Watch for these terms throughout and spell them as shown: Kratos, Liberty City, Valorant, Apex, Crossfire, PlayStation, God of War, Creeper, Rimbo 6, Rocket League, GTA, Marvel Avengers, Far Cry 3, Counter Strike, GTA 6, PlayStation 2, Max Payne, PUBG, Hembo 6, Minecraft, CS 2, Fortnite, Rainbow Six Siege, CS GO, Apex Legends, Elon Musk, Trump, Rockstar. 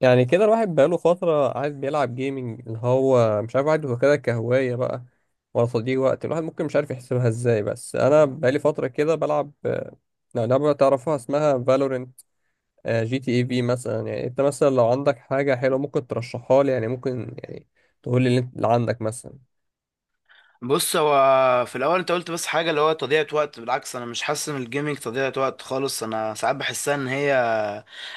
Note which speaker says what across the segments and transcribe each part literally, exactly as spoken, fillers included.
Speaker 1: يعني كده الواحد بقاله فترة عايز بيلعب جيمنج اللي هو مش عارف عنده كده كهواية بقى، ولا تضييع وقت. الواحد ممكن مش عارف يحسبها ازاي. بس أنا بقالي فترة كده بلعب، آه، لعبة تعرفها اسمها فالورنت. جي تي اي في مثلا. يعني انت مثلا لو عندك حاجة حلوة ممكن ترشحها لي، يعني ممكن يعني تقول لي اللي انت- اللي عندك مثلا.
Speaker 2: بص، هو في الاول انت قلت بس حاجه اللي هو تضييع وقت. بالعكس، انا مش حاسس ان الجيمنج تضييع وقت خالص. انا ساعات بحسها ان هي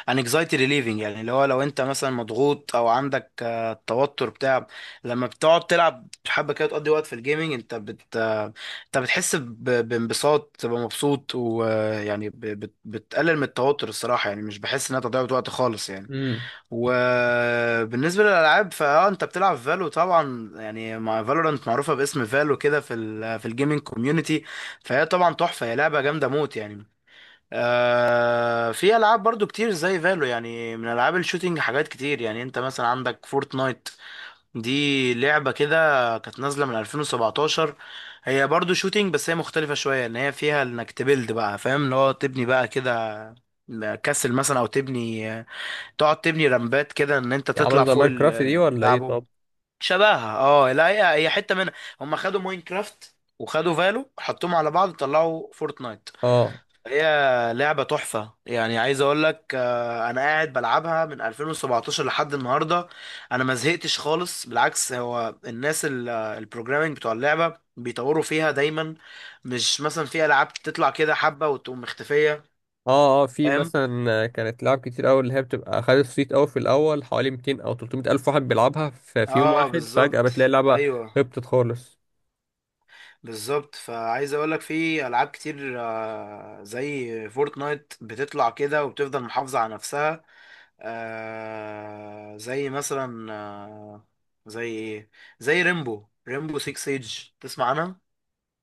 Speaker 2: an anxiety relieving. يعني اللي هو لو انت مثلا مضغوط او عندك آه، توتر بتاع لما بتقعد تلعب حبه كده تقضي وقت في الجيمنج، انت بت آه، انت بتحس ب- بانبساط، تبقى مبسوط ويعني بتقلل من التوتر. الصراحه يعني مش بحس انها تضييع وقت خالص يعني.
Speaker 1: امم.
Speaker 2: وبالنسبة للألعاب فأه أنت بتلعب فالو طبعا، يعني مع فالورانت معروفة باسم فالو كده في ال في الجيمنج كوميونتي. فهي طبعا تحفة، هي لعبة جامدة موت يعني. آه، في ألعاب برضو كتير زي فالو يعني، من ألعاب الشوتينج، حاجات كتير يعني. أنت مثلا عندك فورتنايت، دي لعبة كده كانت نازلة من ألفين وسبعتاشر. هي برضو شوتينج، بس هي مختلفة شوية إن هي فيها إنك تبيلد، بقى فاهم؟ اللي هو تبني بقى كده كاسل مثلا، أو تبني، تقعد تبني رمبات كده، ان انت
Speaker 1: يعني عاملة
Speaker 2: تطلع
Speaker 1: زي
Speaker 2: فوق ال-
Speaker 1: ماينكرافت دي
Speaker 2: اللي
Speaker 1: ولا ايه
Speaker 2: بتلعبهم.
Speaker 1: طب؟
Speaker 2: شبهها، اه. لا، هي هي حته منها. هم خدوا ماينكرافت وخدوا فالو، حطوهم على بعض، طلعوا فورتنايت.
Speaker 1: اه
Speaker 2: هي لعبه تحفه يعني، عايز اقول لك، آه، انا قاعد بلعبها من ألفين وسبعة عشر لحد النهارده. انا ما زهقتش خالص، بالعكس. هو الناس ال- آه، البروجرامينج بتوع اللعبه بيطوروا فيها دايما، مش مثلا في العاب تطلع كده حبه وتقوم مختفيه.
Speaker 1: اه. اه في
Speaker 2: فاهم،
Speaker 1: مثلا كانت لعب كتير قوي اللي هي بتبقى خدت صيت قوي في الاول، حوالي مئتين او ثلاثمية الف واحد بيلعبها في في يوم
Speaker 2: اه،
Speaker 1: واحد، فجأة
Speaker 2: بالظبط.
Speaker 1: بتلاقي اللعبة
Speaker 2: ايوه
Speaker 1: هبطت خالص.
Speaker 2: بالظبط. فعايز اقولك في العاب كتير آه، زي فورتنايت بتطلع كده وبتفضل محافظة على نفسها. آه، زي مثلا آه، زي ايه زي ريمبو ريمبو ستة سيج، تسمع عنها؟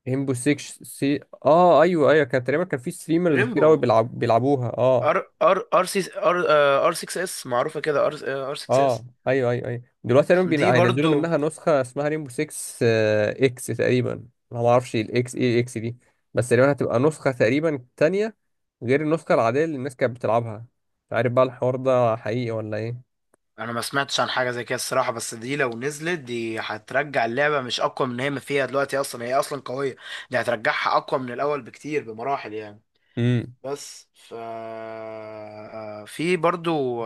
Speaker 1: هيمبو ستة سي. اه ايوه ايوه، كان تقريبا كان في ستريمرز كتير
Speaker 2: ريمبو،
Speaker 1: قوي بيلعب بيلعبوها اه.
Speaker 2: ار ار ار سي، ار ار ستة اس، معروفة كده ار، ار ستة اس.
Speaker 1: اه ايوه ايوه ايوه، دلوقتي تقريبا بين-
Speaker 2: دي
Speaker 1: هينزلوا
Speaker 2: برضو.
Speaker 1: منها نسخة اسمها ريمبو ستة آه، اكس تقريبا. انا ما اعرفش الاكس، ايه الاكس دي؟ بس تقريبا هتبقى نسخة تقريبا تانية غير النسخة العادية اللي الناس كانت بتلعبها. مش عارف بقى الحوار ده حقيقي ولا.
Speaker 2: انا ما سمعتش عن حاجه زي كده الصراحه، بس دي لو نزلت، دي هترجع اللعبه مش اقوى من هي ما فيها دلوقتي، اصلا هي اصلا قويه، دي هترجعها اقوى من الاول بكتير، بمراحل يعني.
Speaker 1: ايه؟
Speaker 2: بس ف في برضو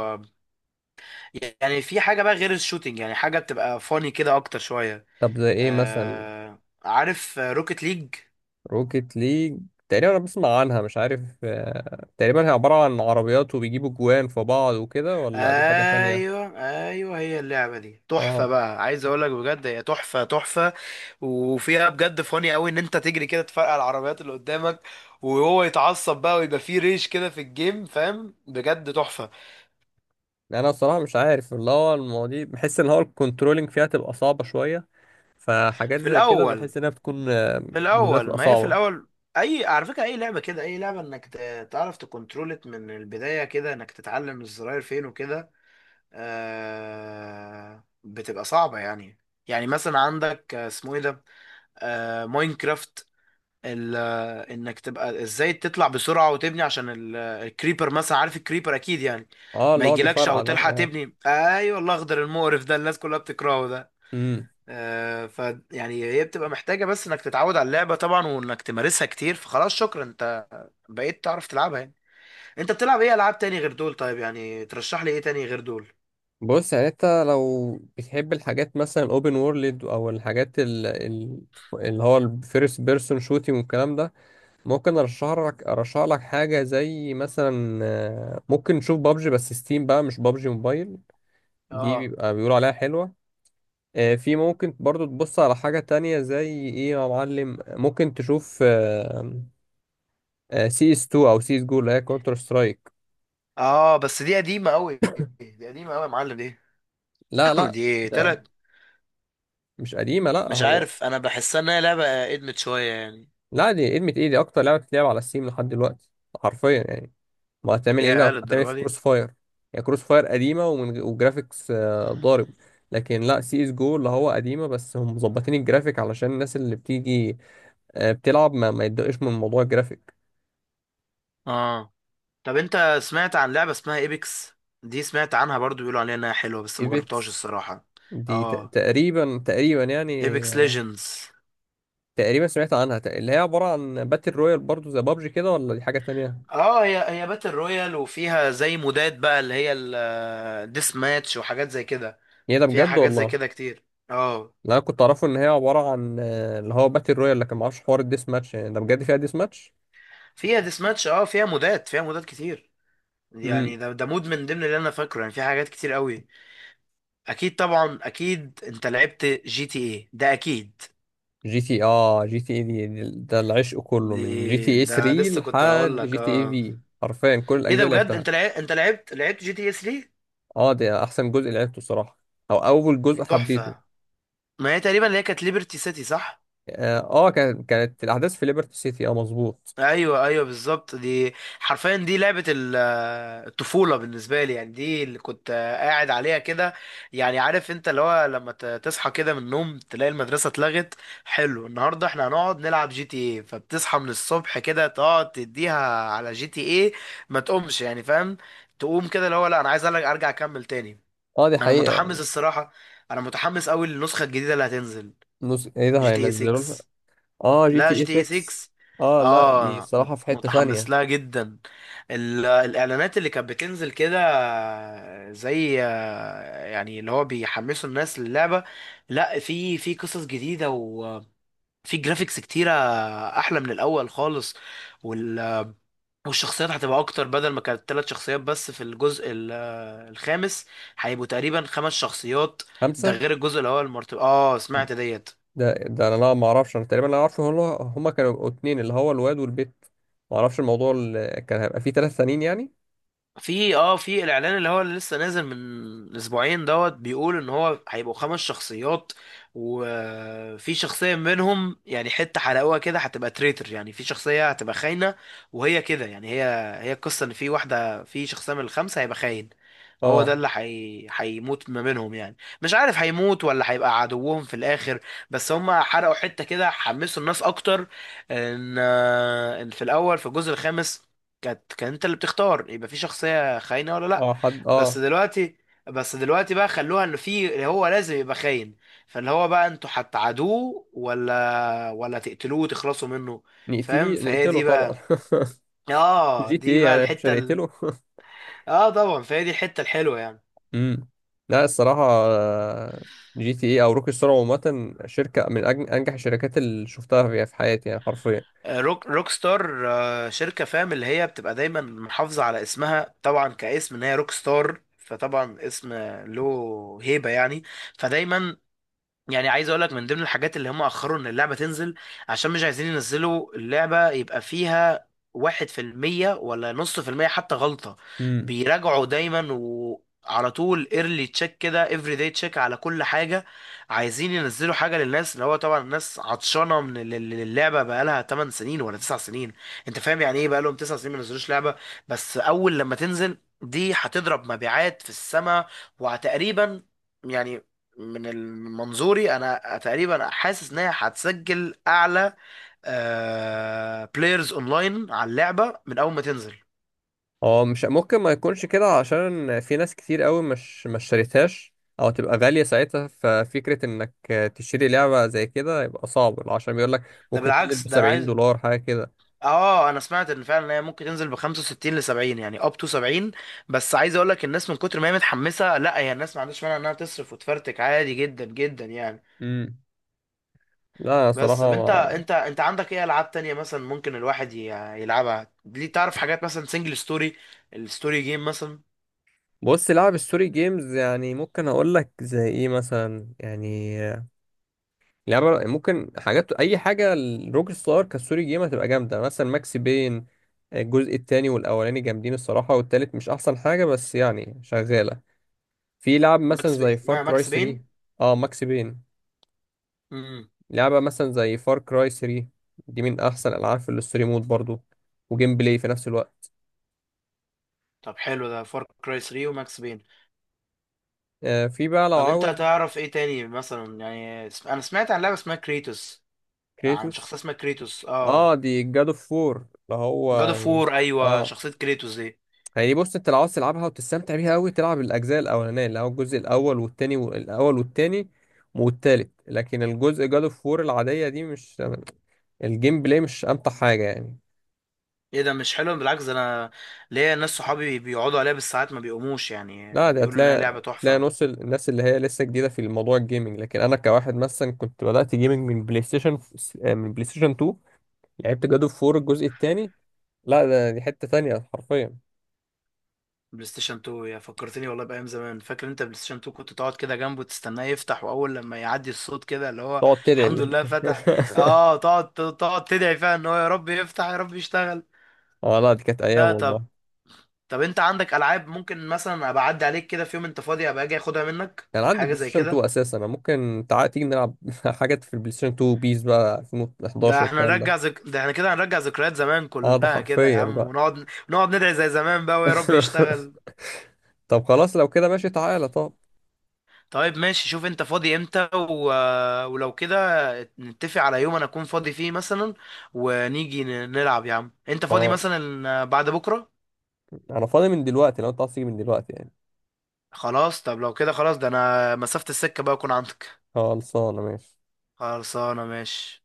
Speaker 2: يعني، في حاجه بقى غير الشوتينج، يعني حاجه بتبقى فاني كده اكتر شويه.
Speaker 1: طب زي ايه مثلا؟
Speaker 2: آه، عارف روكيت ليج؟
Speaker 1: روكيت ليج؟ تقريبا انا بسمع عنها، مش عارف، آه، تقريبا هي عبارة عن عربيات وبيجيبوا جوان في بعض وكده، ولا دي حاجة تانية؟
Speaker 2: ايوه ايوه، هي اللعبه دي تحفه
Speaker 1: اه.
Speaker 2: بقى، عايز اقول لك بجد هي تحفه تحفه. وفيها بجد فاني قوي، ان انت تجري كده تفرقع العربيات اللي قدامك، وهو يتعصب بقى ويبقى فيه ريش كده في الجيم، فاهم، بجد تحفه.
Speaker 1: يعني انا الصراحة مش عارف، اللي هو المواضيع بحس ان هو الكنترولينج فيها تبقى صعبة شوية. فحاجات
Speaker 2: في
Speaker 1: زي كده
Speaker 2: الاول
Speaker 1: بحس انها بتكون، آه،
Speaker 2: في
Speaker 1: بالنسبة لي،
Speaker 2: الاول
Speaker 1: تبقى
Speaker 2: ما هي في
Speaker 1: صعبة.
Speaker 2: الاول، اي على فكره، اي لعبه كده، اي لعبه انك ت- تعرف تكنترولت من البدايه كده، انك تتعلم الزراير فين وكده، آه، بتبقى صعبه يعني. يعني مثلا عندك آه، اسمه ايه ده، آه، ماينكرافت، ال- انك تبقى ازاي تطلع بسرعه وتبني عشان ال- الكريبر مثلا، عارف الكريبر اكيد يعني،
Speaker 1: اه
Speaker 2: ما
Speaker 1: اللي هو
Speaker 2: يجيلكش او
Speaker 1: بيفرقع ده،
Speaker 2: تلحق
Speaker 1: اه.
Speaker 2: تبني. ايوه، الاخضر المقرف ده، الناس كلها بتكرهه ده.
Speaker 1: امم.
Speaker 2: آه، ف يعني هي بتبقى محتاجه بس انك تتعود على اللعبه طبعا، وانك تمارسها كتير، فخلاص شكرا، انت بقيت تعرف تلعبها يعني. انت بتلعب ايه العاب تاني غير دول؟ طيب يعني ترشح لي ايه تاني غير دول؟
Speaker 1: بص يعني انت لو بتحب الحاجات مثلا اوبن وورلد، او الحاجات ال- ال- اللي هو الفيرست بيرسون شوتينج والكلام ده، ممكن ارشح لك ارشح لك حاجه زي مثلا، آه، ممكن نشوف بابجي، بس ستيم بقى، مش بابجي موبايل. دي
Speaker 2: اه
Speaker 1: بيبقى بيقولوا عليها حلوه. آه، في ممكن برضو تبص على حاجه تانية. زي ايه يا معلم؟ ممكن تشوف، آه، آه، سي اس اتنين او سي اس جو اللي هي كونتر سترايك.
Speaker 2: اه. بس دي قديمه قوي، دي قديمة أوي يا معلم دي.
Speaker 1: لا لا،
Speaker 2: دي
Speaker 1: ده
Speaker 2: طلعت.
Speaker 1: مش قديمه. لا،
Speaker 2: مش
Speaker 1: هو
Speaker 2: عارف، أنا بحسها إنها لعبة إدمت شوية يعني.
Speaker 1: لا، دي ادمت ايه؟ دي اكتر لعبه بتتلعب على ستيم لحد دلوقتي، حرفيا يعني. ما هتعمل ايه لو
Speaker 2: يا
Speaker 1: هتعمل إيه
Speaker 2: للدرجة
Speaker 1: في
Speaker 2: دي؟
Speaker 1: كروس فاير؟ يعني كروس فاير قديمه ومن وجرافيكس آه، ضارب. لكن لا، سي اس جو اللي هو قديمه، بس هم مظبطين الجرافيك علشان الناس اللي بتيجي آه، بتلعب ما, ما يتضايقش من موضوع الجرافيك.
Speaker 2: اه. طب انت سمعت عن لعبة اسمها ايبكس؟ دي سمعت عنها برضو، بيقولوا عليها انها حلوة بس ما جربتهاش
Speaker 1: ايبكس؟
Speaker 2: الصراحة.
Speaker 1: دي ت-
Speaker 2: اه،
Speaker 1: تقريبا تقريبا يعني،
Speaker 2: ايبكس
Speaker 1: آه،
Speaker 2: ليجندز.
Speaker 1: تقريبا سمعت عنها، تق- اللي هي عباره عن باتل رويال برضو زي بابجي كده، ولا دي حاجه تانية؟
Speaker 2: اه، هي هي باتل رويال، وفيها زي مودات بقى، اللي هي الديس ماتش وحاجات زي كده.
Speaker 1: هي ده
Speaker 2: فيها
Speaker 1: بجد
Speaker 2: حاجات زي
Speaker 1: والله؟
Speaker 2: كده كتير. اه،
Speaker 1: لا أنا كنت اعرفه ان هي عباره عن، آه، اللي هو باتل رويال، لكن ما اعرفش حوار الديس ماتش. يعني ده بجد فيها ديس ماتش؟
Speaker 2: فيها ديس ماتش، اه، فيها مودات، فيها مودات كتير. يعني ده ده مود من ضمن اللي انا فاكره، يعني في حاجات كتير قوي. اكيد طبعا، اكيد انت لعبت جي تي ايه ده اكيد.
Speaker 1: جي تي اه جي تي اي دي دي- ده العشق كله
Speaker 2: دي،
Speaker 1: من جي تي اي
Speaker 2: ده
Speaker 1: ثلاثة
Speaker 2: لسه كنت هقول
Speaker 1: لحد
Speaker 2: لك
Speaker 1: جي تي اي
Speaker 2: اه.
Speaker 1: في، حرفيا كل
Speaker 2: ايه
Speaker 1: الاجزاء
Speaker 2: ده
Speaker 1: اللي
Speaker 2: بجد،
Speaker 1: لعبتها.
Speaker 2: انت لعب... انت لعبت لعبت جي تي اس ثلاثة.
Speaker 1: اه ده احسن جزء لعبته صراحة، او اول
Speaker 2: دي
Speaker 1: جزء حبيته.
Speaker 2: تحفه. ما هي تقريبا اللي هي كانت ليبرتي سيتي، صح؟
Speaker 1: اه، آه، كانت كانت الاحداث في ليبرتي سيتي. اه مظبوط.
Speaker 2: ايوه ايوه بالظبط دي. حرفيا دي لعبه ال- الطفوله بالنسبه لي يعني، دي اللي كنت قاعد عليها كده. يعني عارف انت اللي هو لما ت- تصحى كده من النوم، تلاقي المدرسه اتلغت، حلو، النهارده احنا هنقعد نلعب جي تي ايه، فبتصحى من الصبح كده تقعد تديها على جي تي ايه، ما تقومش، يعني فاهم. تقوم كده اللي هو لا انا عايز أرجع ارجع اكمل تاني.
Speaker 1: اه دي
Speaker 2: انا
Speaker 1: حقيقة.
Speaker 2: متحمس الصراحه، انا متحمس قوي للنسخه الجديده اللي هتنزل.
Speaker 1: نس... ايه ده،
Speaker 2: جي تي اي
Speaker 1: هينزلوا لها؟
Speaker 2: ستة.
Speaker 1: اه، جي
Speaker 2: لا،
Speaker 1: تي
Speaker 2: جي
Speaker 1: اي
Speaker 2: تي اي
Speaker 1: ستة.
Speaker 2: ستة.
Speaker 1: اه لا، دي
Speaker 2: اه، مت-
Speaker 1: صراحة في حتة
Speaker 2: متحمس
Speaker 1: ثانية.
Speaker 2: لها جدا. ال- الاعلانات اللي كانت بتنزل كده، زي، يعني اللي هو بيحمسوا الناس للعبه. لا، في في قصص جديده، وفي جرافيكس كتيره، احلى من الاول خالص. والشخصيات هتبقى اكتر، بدل ما كانت ثلاث شخصيات بس في الجزء ال- آه، الخامس، هيبقوا تقريبا خمس شخصيات. ده
Speaker 1: خمسة؟
Speaker 2: غير الجزء الاول مرتب، اه سمعت ديت.
Speaker 1: ده ده انا لا ما اعرفش. انا تقريبا لا اعرف هم، هما كانوا اتنين، اللي هو الواد والبت. ما اعرفش الموضوع اللي كان هيبقى فيه ثلاث سنين يعني.
Speaker 2: في اه في الاعلان اللي هو اللي لسه نازل من اسبوعين دوت، بيقول ان هو هيبقوا خمس شخصيات، وفي شخصية منهم يعني حتة حرقوها كده، هتبقى تريتر، يعني في شخصية هتبقى خاينة. وهي كده يعني، هي هي القصة ان في واحدة، في شخصية من الخمسة هيبقى خاين. هو ده
Speaker 1: اه.
Speaker 2: اللي حي... هيموت ما بينهم يعني، مش عارف هيموت ولا هيبقى عدوهم في الاخر. بس هم حرقوا حتة كده، حمسوا الناس اكتر، ان ان في الاول في الجزء الخامس، كانت كان انت اللي بتختار يبقى في شخصية خاينة ولا لا.
Speaker 1: اه حد،
Speaker 2: بس
Speaker 1: اه.
Speaker 2: دلوقتي بس دلوقتي بقى خلوها انه في، هو لازم يبقى خاين، فاللي هو بقى انتوا هتعادوه ولا ولا تقتلوه وتخلصوا منه. فاهم،
Speaker 1: نقتلي
Speaker 2: فهي
Speaker 1: نقتله
Speaker 2: دي
Speaker 1: طبعا.
Speaker 2: بقى، اه
Speaker 1: جي تي
Speaker 2: دي
Speaker 1: ايه
Speaker 2: بقى
Speaker 1: يعني مش
Speaker 2: الحتة ال...
Speaker 1: هنقتله؟
Speaker 2: اه طبعا، فهي دي الحتة الحلوة يعني.
Speaker 1: امم. لا الصراحة، جي تي ايه او روكي ستار عامة شركة من أج- انجح الشركات اللي شفتها في في حياتي، يعني حرفيا.
Speaker 2: آه، روك روك ستار، آه، شركة فاهم اللي هي بتبقى دايما محافظة على اسمها طبعا، كاسم ان هي روك ستار، فطبعا اسم له هيبة يعني، فدايما. يعني عايز اقول لك من ضمن الحاجات اللي هم اخروا ان اللعبه تنزل، عشان مش عايزين ينزلوا اللعبه يبقى فيها واحد في المية ولا نص في المية حتى غلطة.
Speaker 1: امم.
Speaker 2: بيراجعوا دايما وعلى طول، ايرلي تشيك كده، افري داي تشيك على كل حاجة. عايزين ينزلوا حاجة للناس، اللي هو طبعا الناس عطشانة، من ال- ال- اللعبة بقالها 8 سنين ولا 9 سنين. انت فاهم يعني ايه بقالهم 9 سنين ما نزلوش لعبة؟ بس اول لما تنزل دي، هتضرب مبيعات في السماء. وتقريبا يعني، من ال- من منظوري انا، تقريبا حاسس ان هي هتسجل اعلى بلايرز اونلاين على اللعبه من اول ما تنزل.
Speaker 1: هو مش ممكن ما يكونش كده، عشان في ناس كتير قوي مش ما اشتريتهاش، او تبقى غالية ساعتها. ففكرة انك تشتري لعبة زي كده يبقى صعب، عشان بيقول لك
Speaker 2: ده
Speaker 1: ممكن تنزل
Speaker 2: بالعكس،
Speaker 1: ب
Speaker 2: ده انا
Speaker 1: 70
Speaker 2: عايز.
Speaker 1: دولار حاجة كده.
Speaker 2: اه، انا سمعت ان فعلا هي ممكن تنزل ب خمسة وستين ل سبعين، يعني اب تو سبعين. بس عايز اقول لك الناس من كتر ما هي متحمسه، لا هي الناس ما عندهاش مانع انها تصرف وتفرتك عادي، جدا جدا يعني.
Speaker 1: امم. لا
Speaker 2: بس طب انت
Speaker 1: صراحة.
Speaker 2: انت انت عندك ايه العاب تانية مثلا ممكن الواحد ي- يلعبها ليه؟ تعرف حاجات مثلا سنجل ستوري، الستوري جيم مثلا.
Speaker 1: بص، لعب الستوري جيمز، يعني ممكن اقول لك زي ايه مثلا. يعني لعبه ممكن حاجات، اي حاجه الروك ستار كستوري جيم هتبقى جامده. مثلا ماكس بين، الجزء التاني والاولاني جامدين الصراحه، والتالت مش احسن حاجه بس يعني شغاله. في لعب مثلا
Speaker 2: ماكس بي...
Speaker 1: زي فار
Speaker 2: اسمها
Speaker 1: كراي
Speaker 2: ماكس بين.
Speaker 1: ثلاثة. اه ماكس بين. لعبه مثلا زي فار كراي ثلاثة، دي من احسن العاب في الستوري مود برضو، وجيم بلاي في نفس الوقت.
Speaker 2: طب حلو، ده فار كراي ثلاثة وماكس بين.
Speaker 1: آه في بقى لو
Speaker 2: طب انت
Speaker 1: عاوز.
Speaker 2: تعرف ايه تاني مثلا يعني، اسم- انا سمعت عن لعبه اسمها كريتوس، عن
Speaker 1: كريتوس؟
Speaker 2: شخصيه اسمها كريتوس اه.
Speaker 1: اه، دي جاد اوف فور، اللي هو
Speaker 2: جاد اوف
Speaker 1: يعني.
Speaker 2: وور، ايوه،
Speaker 1: اه
Speaker 2: شخصيه كريتوس دي.
Speaker 1: يعني بص، انت لو عاوز تلعبها وتستمتع بيها قوي، تلعب الاجزاء الاولانيه، اللي هو الجزء الاول والتاني، والاول والتاني والتالت. لكن الجزء جاد اوف وور العاديه دي، مش الجيم بلاي مش امتع حاجه يعني.
Speaker 2: ايه ده مش حلو؟ بالعكس ده، انا ليا ناس صحابي بيقعدوا عليها بالساعات ما بيقوموش، يعني
Speaker 1: لا ده
Speaker 2: بيقولوا انها لعبه
Speaker 1: هتلاقي تلاقي
Speaker 2: تحفه.
Speaker 1: نص الناس اللي هي لسه جديده في الموضوع الجيمنج. لكن انا كواحد مثلا، كنت بدات جيمنج من بلاي ستيشن، آه، من بلاي ستيشن اتنين. لعبت جاد اوف وور الجزء التاني. لا ده دي حته تانيه حرفيا.
Speaker 2: بلاي ستيشن اتنين، يا فكرتني والله بايام زمان. فاكر انت بلاي ستيشن اتنين، كنت تقعد كده جنبه تستناه يفتح، واول لما يعدي الصوت كده اللي هو
Speaker 1: تقعد تدعي
Speaker 2: الحمد
Speaker 1: الله.
Speaker 2: لله فتح. اه، تقعد تقعد تدعي فيها ان هو يا رب يفتح يا رب يشتغل.
Speaker 1: اه. لا دي كانت ايام
Speaker 2: ده
Speaker 1: والله.
Speaker 2: طب انت عندك العاب ممكن مثلا ابقى اعدي عليك كده في يوم انت فاضي، ابقى اجي اخدها منك،
Speaker 1: كان عندي
Speaker 2: حاجه
Speaker 1: بلاي
Speaker 2: زي
Speaker 1: ستيشن اتنين
Speaker 2: كده؟
Speaker 1: اساسا. انا ممكن تعالى تيجي نلعب. حاجات في البلاي ستيشن اتنين، بيس بقى
Speaker 2: ده
Speaker 1: ألفين وأحد عشر
Speaker 2: احنا
Speaker 1: الكلام ده.
Speaker 2: نرجع ذك... ده احنا كده هنرجع ذكريات زمان
Speaker 1: اه ده
Speaker 2: كلها كده يا
Speaker 1: حرفيا
Speaker 2: عم،
Speaker 1: بقى.
Speaker 2: ونقعد نقعد ندعي زي زمان بقى، ويا رب يشتغل.
Speaker 1: طب خلاص لو كده ماشي، تعالى طب.
Speaker 2: طيب ماشي، شوف انت فاضي امتى و... ولو كده، نتفق على يوم انا اكون فاضي فيه مثلا، ونيجي ن- نلعب يا عم. انت فاضي
Speaker 1: اه.
Speaker 2: مثلا بعد بكره؟
Speaker 1: انا فاضي من دلوقتي لو انت عايز تيجي من دلوقتي يعني.
Speaker 2: خلاص طب لو كده، خلاص، ده انا مسافة السكة بقى اكون عندك.
Speaker 1: خلصانه ماشي.
Speaker 2: خلصانه ماشي.